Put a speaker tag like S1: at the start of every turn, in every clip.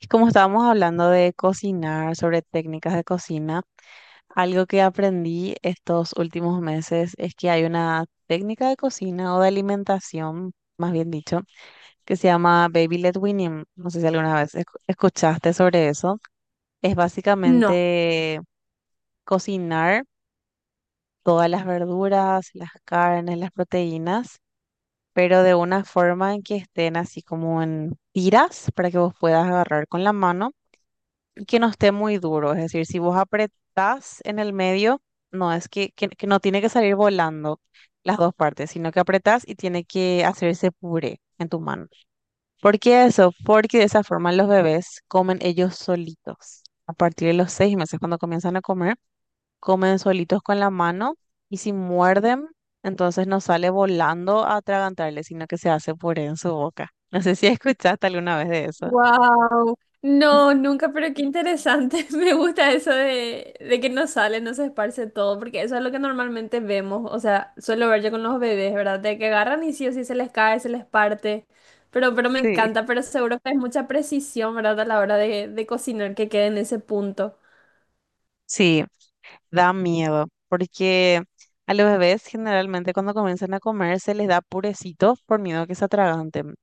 S1: Y como estábamos hablando de cocinar, sobre técnicas de cocina, algo que aprendí estos últimos meses es que hay una técnica de cocina o de alimentación, más bien dicho, que se llama Baby Led Weaning. No sé si alguna vez escuchaste sobre eso. Es
S2: No.
S1: básicamente cocinar todas las verduras, las carnes, las proteínas, pero de una forma en que estén así como en tiras para que vos puedas agarrar con la mano y que no esté muy duro. Es decir, si vos apretás en el medio, no es que no tiene que salir volando las dos partes, sino que apretás y tiene que hacerse puré en tu mano. ¿Por qué eso? Porque de esa forma los bebés comen ellos solitos. A partir de los seis meses, cuando comienzan a comer, comen solitos con la mano y si muerden, entonces no sale volando a atragantarle, sino que se hace puré en su boca. No sé si escuchaste alguna vez de eso.
S2: Wow. No, nunca, pero qué interesante. Me gusta eso de que no sale, no se esparce todo, porque eso es lo que normalmente vemos. O sea, suelo ver yo con los bebés, ¿verdad? De que agarran y sí o sí se les cae, se les parte. Pero me
S1: Sí.
S2: encanta, pero seguro que es mucha precisión, ¿verdad? A la hora de cocinar que quede en ese punto.
S1: Sí, da miedo, porque a los bebés generalmente cuando comienzan a comer se les da purecito por miedo a que se atraganten.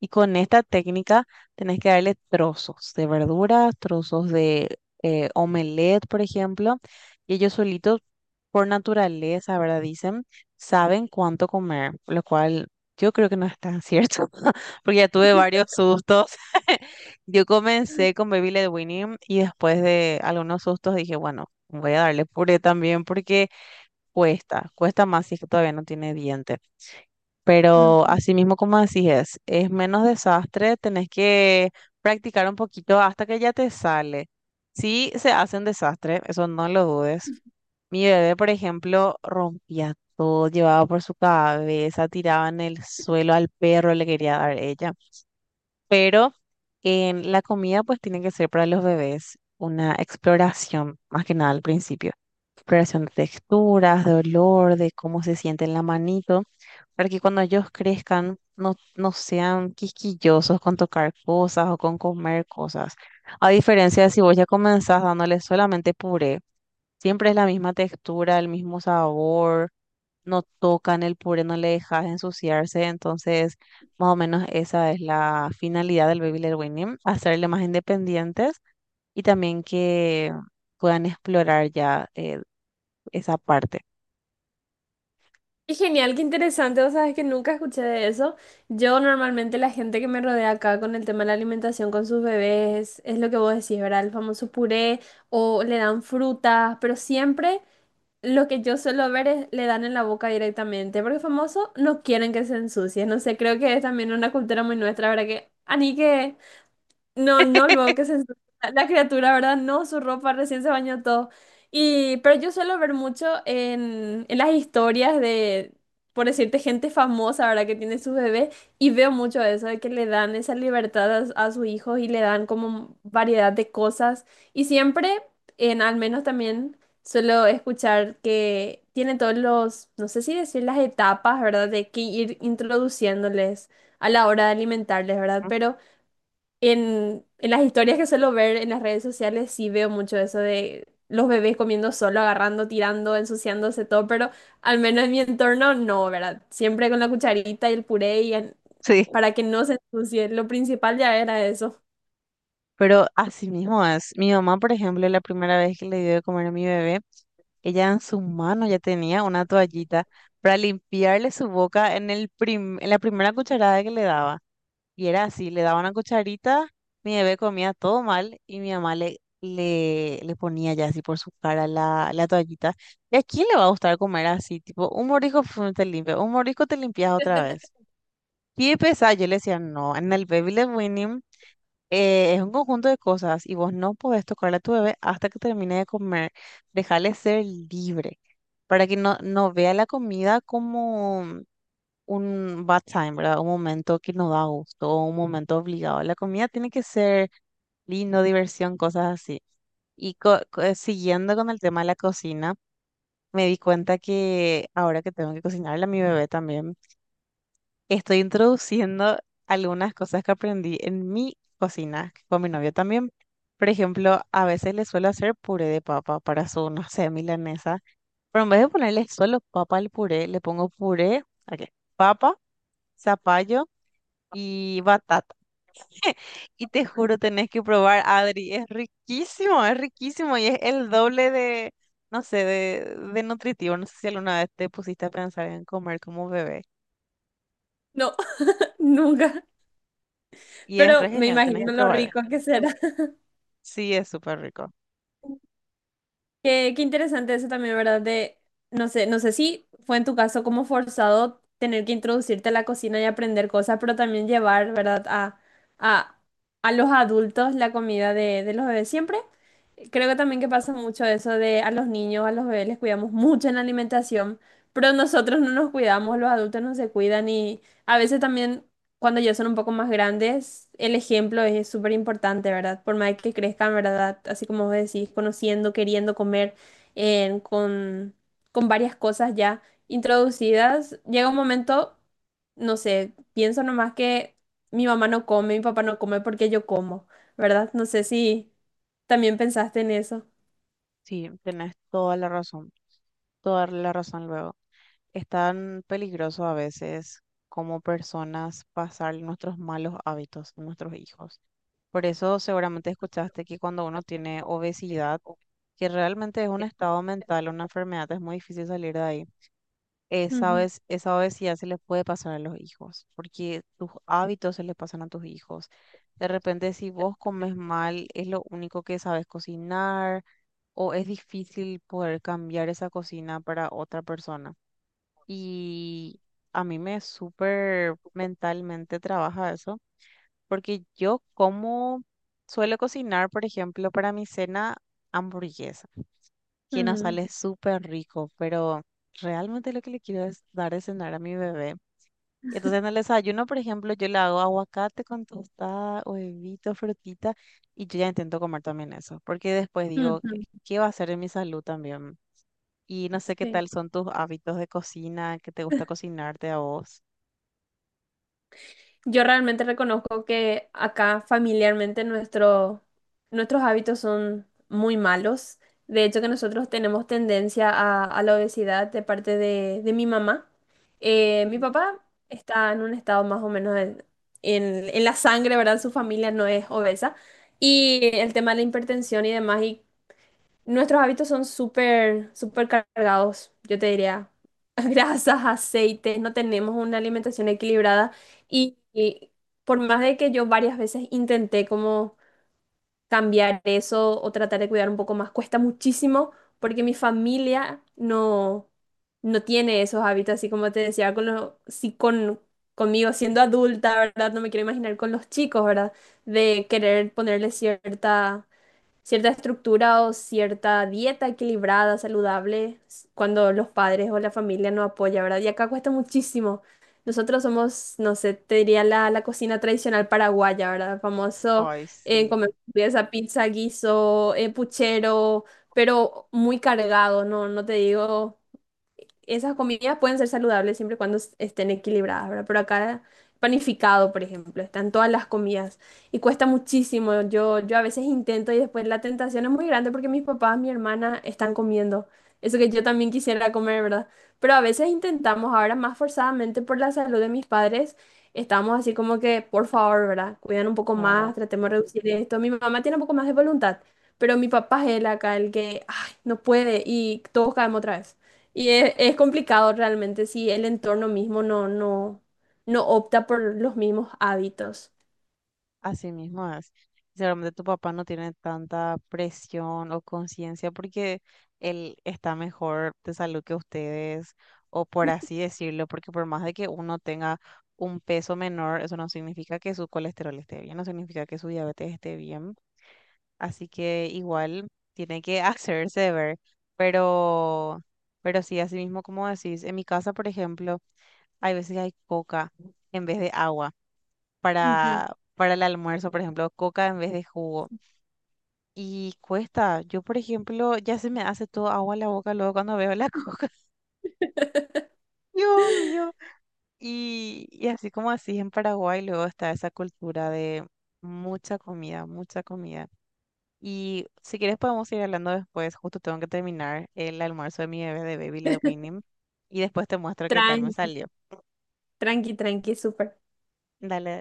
S1: Y con esta técnica tenés que darle trozos de verduras, trozos de omelette, por ejemplo. Y ellos solitos, por naturaleza, ¿verdad? Dicen, saben cuánto comer, lo cual yo creo que no es tan cierto, porque ya tuve varios sustos. Yo comencé con Baby Led Winning y después de algunos sustos dije, bueno, voy a darle puré también porque cuesta más si es que todavía no tiene dientes. Pero
S2: Ujú.
S1: así mismo como decís, es menos desastre, tenés que practicar un poquito hasta que ya te sale. Sí, se hace un desastre, eso no lo dudes. Mi bebé, por ejemplo, rompía todo, llevaba por su cabeza, tiraba en el suelo al perro, le quería dar ella, pero en la comida pues tiene que ser para los bebés una exploración, más que nada al principio, exploración de texturas, de olor, de cómo se siente en la manito, para que cuando ellos crezcan no sean quisquillosos con tocar cosas o con comer cosas. A diferencia de si vos ya comenzás dándoles solamente puré, siempre es la misma textura, el mismo sabor, no tocan el puré, no le dejas ensuciarse. Entonces, más o menos esa es la finalidad del Baby Led Winning, hacerle más independientes y también que puedan explorar ya esa parte.
S2: Qué genial, qué interesante. Vos sabés que nunca escuché de eso. Yo normalmente la gente que me rodea acá con el tema de la alimentación con sus bebés es lo que vos decís, ¿verdad? El famoso puré o le dan frutas, pero siempre lo que yo suelo ver es le dan en la boca directamente, porque famoso no quieren que se ensucie. No sé, creo que es también una cultura muy nuestra, ¿verdad? Que, ani que no, no, luego que se ensucia la criatura, ¿verdad? No, su ropa recién se bañó todo. Y, pero yo suelo ver mucho en las historias de, por decirte, gente famosa, ¿verdad? Que tiene su bebé y veo mucho eso, de que le dan esa libertad a sus hijos y le dan como variedad de cosas. Y siempre, en al menos también, suelo escuchar que tiene todos los, no sé si decir las etapas, ¿verdad? De que ir introduciéndoles a la hora de alimentarles, ¿verdad?
S1: ¿No?
S2: Pero... En las historias que suelo ver en las redes sociales sí veo mucho eso de los bebés comiendo solo, agarrando, tirando, ensuciándose todo, pero al menos en mi entorno no, ¿verdad? Siempre con la cucharita y el puré y
S1: Sí.
S2: para que no se ensucie. Lo principal ya era eso.
S1: Pero así mismo es. Mi mamá, por ejemplo, la primera vez que le dio de comer a mi bebé, ella en su mano ya tenía una toallita para limpiarle su boca en el en la primera cucharada que le daba. Y era así, le daba una cucharita, mi bebé comía todo mal y mi mamá le ponía ya así por su cara la toallita. ¿Y a quién le va a gustar comer así? Tipo, un mordisco pf, te limpia, un mordisco te limpias otra vez. Y pesado, yo le decía, no, en el Baby Led Weaning es un conjunto de cosas y vos no podés tocarle a tu bebé hasta que termine de comer. Dejarle ser libre para que no vea la comida como un bad time, ¿verdad? Un momento que no da gusto, o un momento obligado. La comida tiene que ser lindo, diversión, cosas así. Y siguiendo con el tema de la cocina, me di cuenta que ahora que tengo que cocinarle a mi bebé también, estoy introduciendo algunas cosas que aprendí en mi cocina con mi novio también. Por ejemplo, a veces le suelo hacer puré de papa para su, no sé, milanesa. Pero en vez de ponerle solo papa al puré, le pongo puré, ok, papa, zapallo y batata. Y te juro, tenés que probar, Adri. Es riquísimo y es el doble de, no sé, de nutritivo. No sé si alguna vez te pusiste a pensar en comer como bebé.
S2: No, nunca.
S1: Y es re
S2: Pero me
S1: genial, tenés que
S2: imagino lo
S1: probar.
S2: rico que será.
S1: Sí, es súper rico.
S2: Qué interesante eso también, ¿verdad? De, no sé, no sé si fue en tu caso como forzado tener que introducirte a la cocina y aprender cosas, pero también llevar, ¿verdad? A, a los adultos la comida de los bebés. Siempre creo que también que pasa mucho eso de a los niños, a los bebés les cuidamos mucho en la alimentación, pero nosotros no nos cuidamos, los adultos no se cuidan y a veces también cuando ya son un poco más grandes, el ejemplo es súper importante, ¿verdad? Por más que crezcan, ¿verdad? Así como vos decís, conociendo, queriendo comer, eh, con, con varias cosas ya introducidas, llega un momento, no sé, pienso nomás que mi mamá no come, mi papá no come porque yo como, ¿verdad? No sé si también pensaste en eso.
S1: Sí, tenés toda la razón luego. Es tan peligroso a veces como personas pasar nuestros malos hábitos a nuestros hijos. Por eso seguramente escuchaste que cuando uno tiene obesidad, que realmente es un estado mental, una enfermedad, es muy difícil salir de ahí. Esa
S2: Ujú,
S1: vez, esa obesidad se le puede pasar a los hijos, porque tus hábitos se le pasan a tus hijos. De repente, si vos comes mal, es lo único que sabes cocinar, o es difícil poder cambiar esa cocina para otra persona. Y a mí me súper mentalmente trabaja eso, porque yo como suelo cocinar, por ejemplo, para mi cena hamburguesa que nos
S2: ujú,
S1: sale súper rico, pero realmente lo que le quiero es dar de cenar a mi bebé. Entonces en el desayuno, por ejemplo, yo le hago aguacate con tostada, huevito, frutita, y yo ya intento comer también eso, porque después digo, ¿qué,
S2: ujú,
S1: qué va a hacer en mi salud también? Y no sé qué
S2: sí.
S1: tal son tus hábitos de cocina, que te gusta cocinarte a vos.
S2: Yo realmente reconozco que acá familiarmente nuestro, nuestros hábitos son muy malos. De hecho, que nosotros tenemos tendencia a la obesidad de parte de mi mamá. Mi
S1: Mm.
S2: papá está en un estado más o menos en, en la sangre, ¿verdad? Su familia no es obesa. Y el tema de la hipertensión y demás, y nuestros hábitos son súper, súper cargados, yo te diría. Grasas, aceites, no tenemos una alimentación equilibrada y por más de que yo varias veces intenté como cambiar eso o tratar de cuidar un poco más, cuesta muchísimo porque mi familia no tiene esos hábitos, así como te decía, con los, sí, con, conmigo siendo adulta, ¿verdad? No me quiero imaginar con los chicos, ¿verdad? De querer ponerle cierta cierta estructura o cierta dieta equilibrada, saludable, cuando los padres o la familia no apoya, ¿verdad? Y acá cuesta muchísimo. Nosotros somos, no sé, te diría la cocina tradicional paraguaya, ¿verdad? Famoso,
S1: Ay,
S2: comer
S1: sí,
S2: esa pizza, guiso, puchero, pero muy cargado, ¿no? No te digo esas comidas pueden ser saludables siempre y cuando estén equilibradas, ¿verdad? Pero acá panificado, por ejemplo, están todas las comidas y cuesta muchísimo. Yo a veces intento y después la tentación es muy grande porque mis papás, mi hermana están comiendo. Eso que yo también quisiera comer, ¿verdad? Pero a veces intentamos, ahora más forzadamente por la salud de mis padres, estamos así como que, por favor, ¿verdad? Cuidan un poco más,
S1: claro.
S2: tratemos de reducir esto. Mi mamá tiene un poco más de voluntad, pero mi papá es el acá, el que, ay, no puede y todos caemos otra vez. Y es complicado realmente si el entorno mismo no opta por los mismos hábitos.
S1: Así mismo es. Seguramente tu papá no tiene tanta presión o conciencia porque él está mejor de salud que ustedes, o por así decirlo, porque por más de que uno tenga un peso menor, eso no significa que su colesterol esté bien, no significa que su diabetes esté bien. Así que igual tiene que hacerse ver. Pero, pero sí, así mismo como decís, en mi casa, por ejemplo, hay veces que hay coca en vez de agua
S2: Ujú.
S1: para el almuerzo, por ejemplo, coca en vez de jugo. Y cuesta, yo por ejemplo, ya se me hace todo agua en la boca luego cuando veo la coca. Dios mío. Y así como así en Paraguay luego está esa cultura de mucha comida, mucha comida. Y si quieres podemos ir hablando después, justo tengo que terminar el almuerzo de mi bebé de Baby Led Winning y después te muestro qué tal me
S2: Tranqui.
S1: salió.
S2: Tranqui, tranqui, tranqui, súper.
S1: Dale.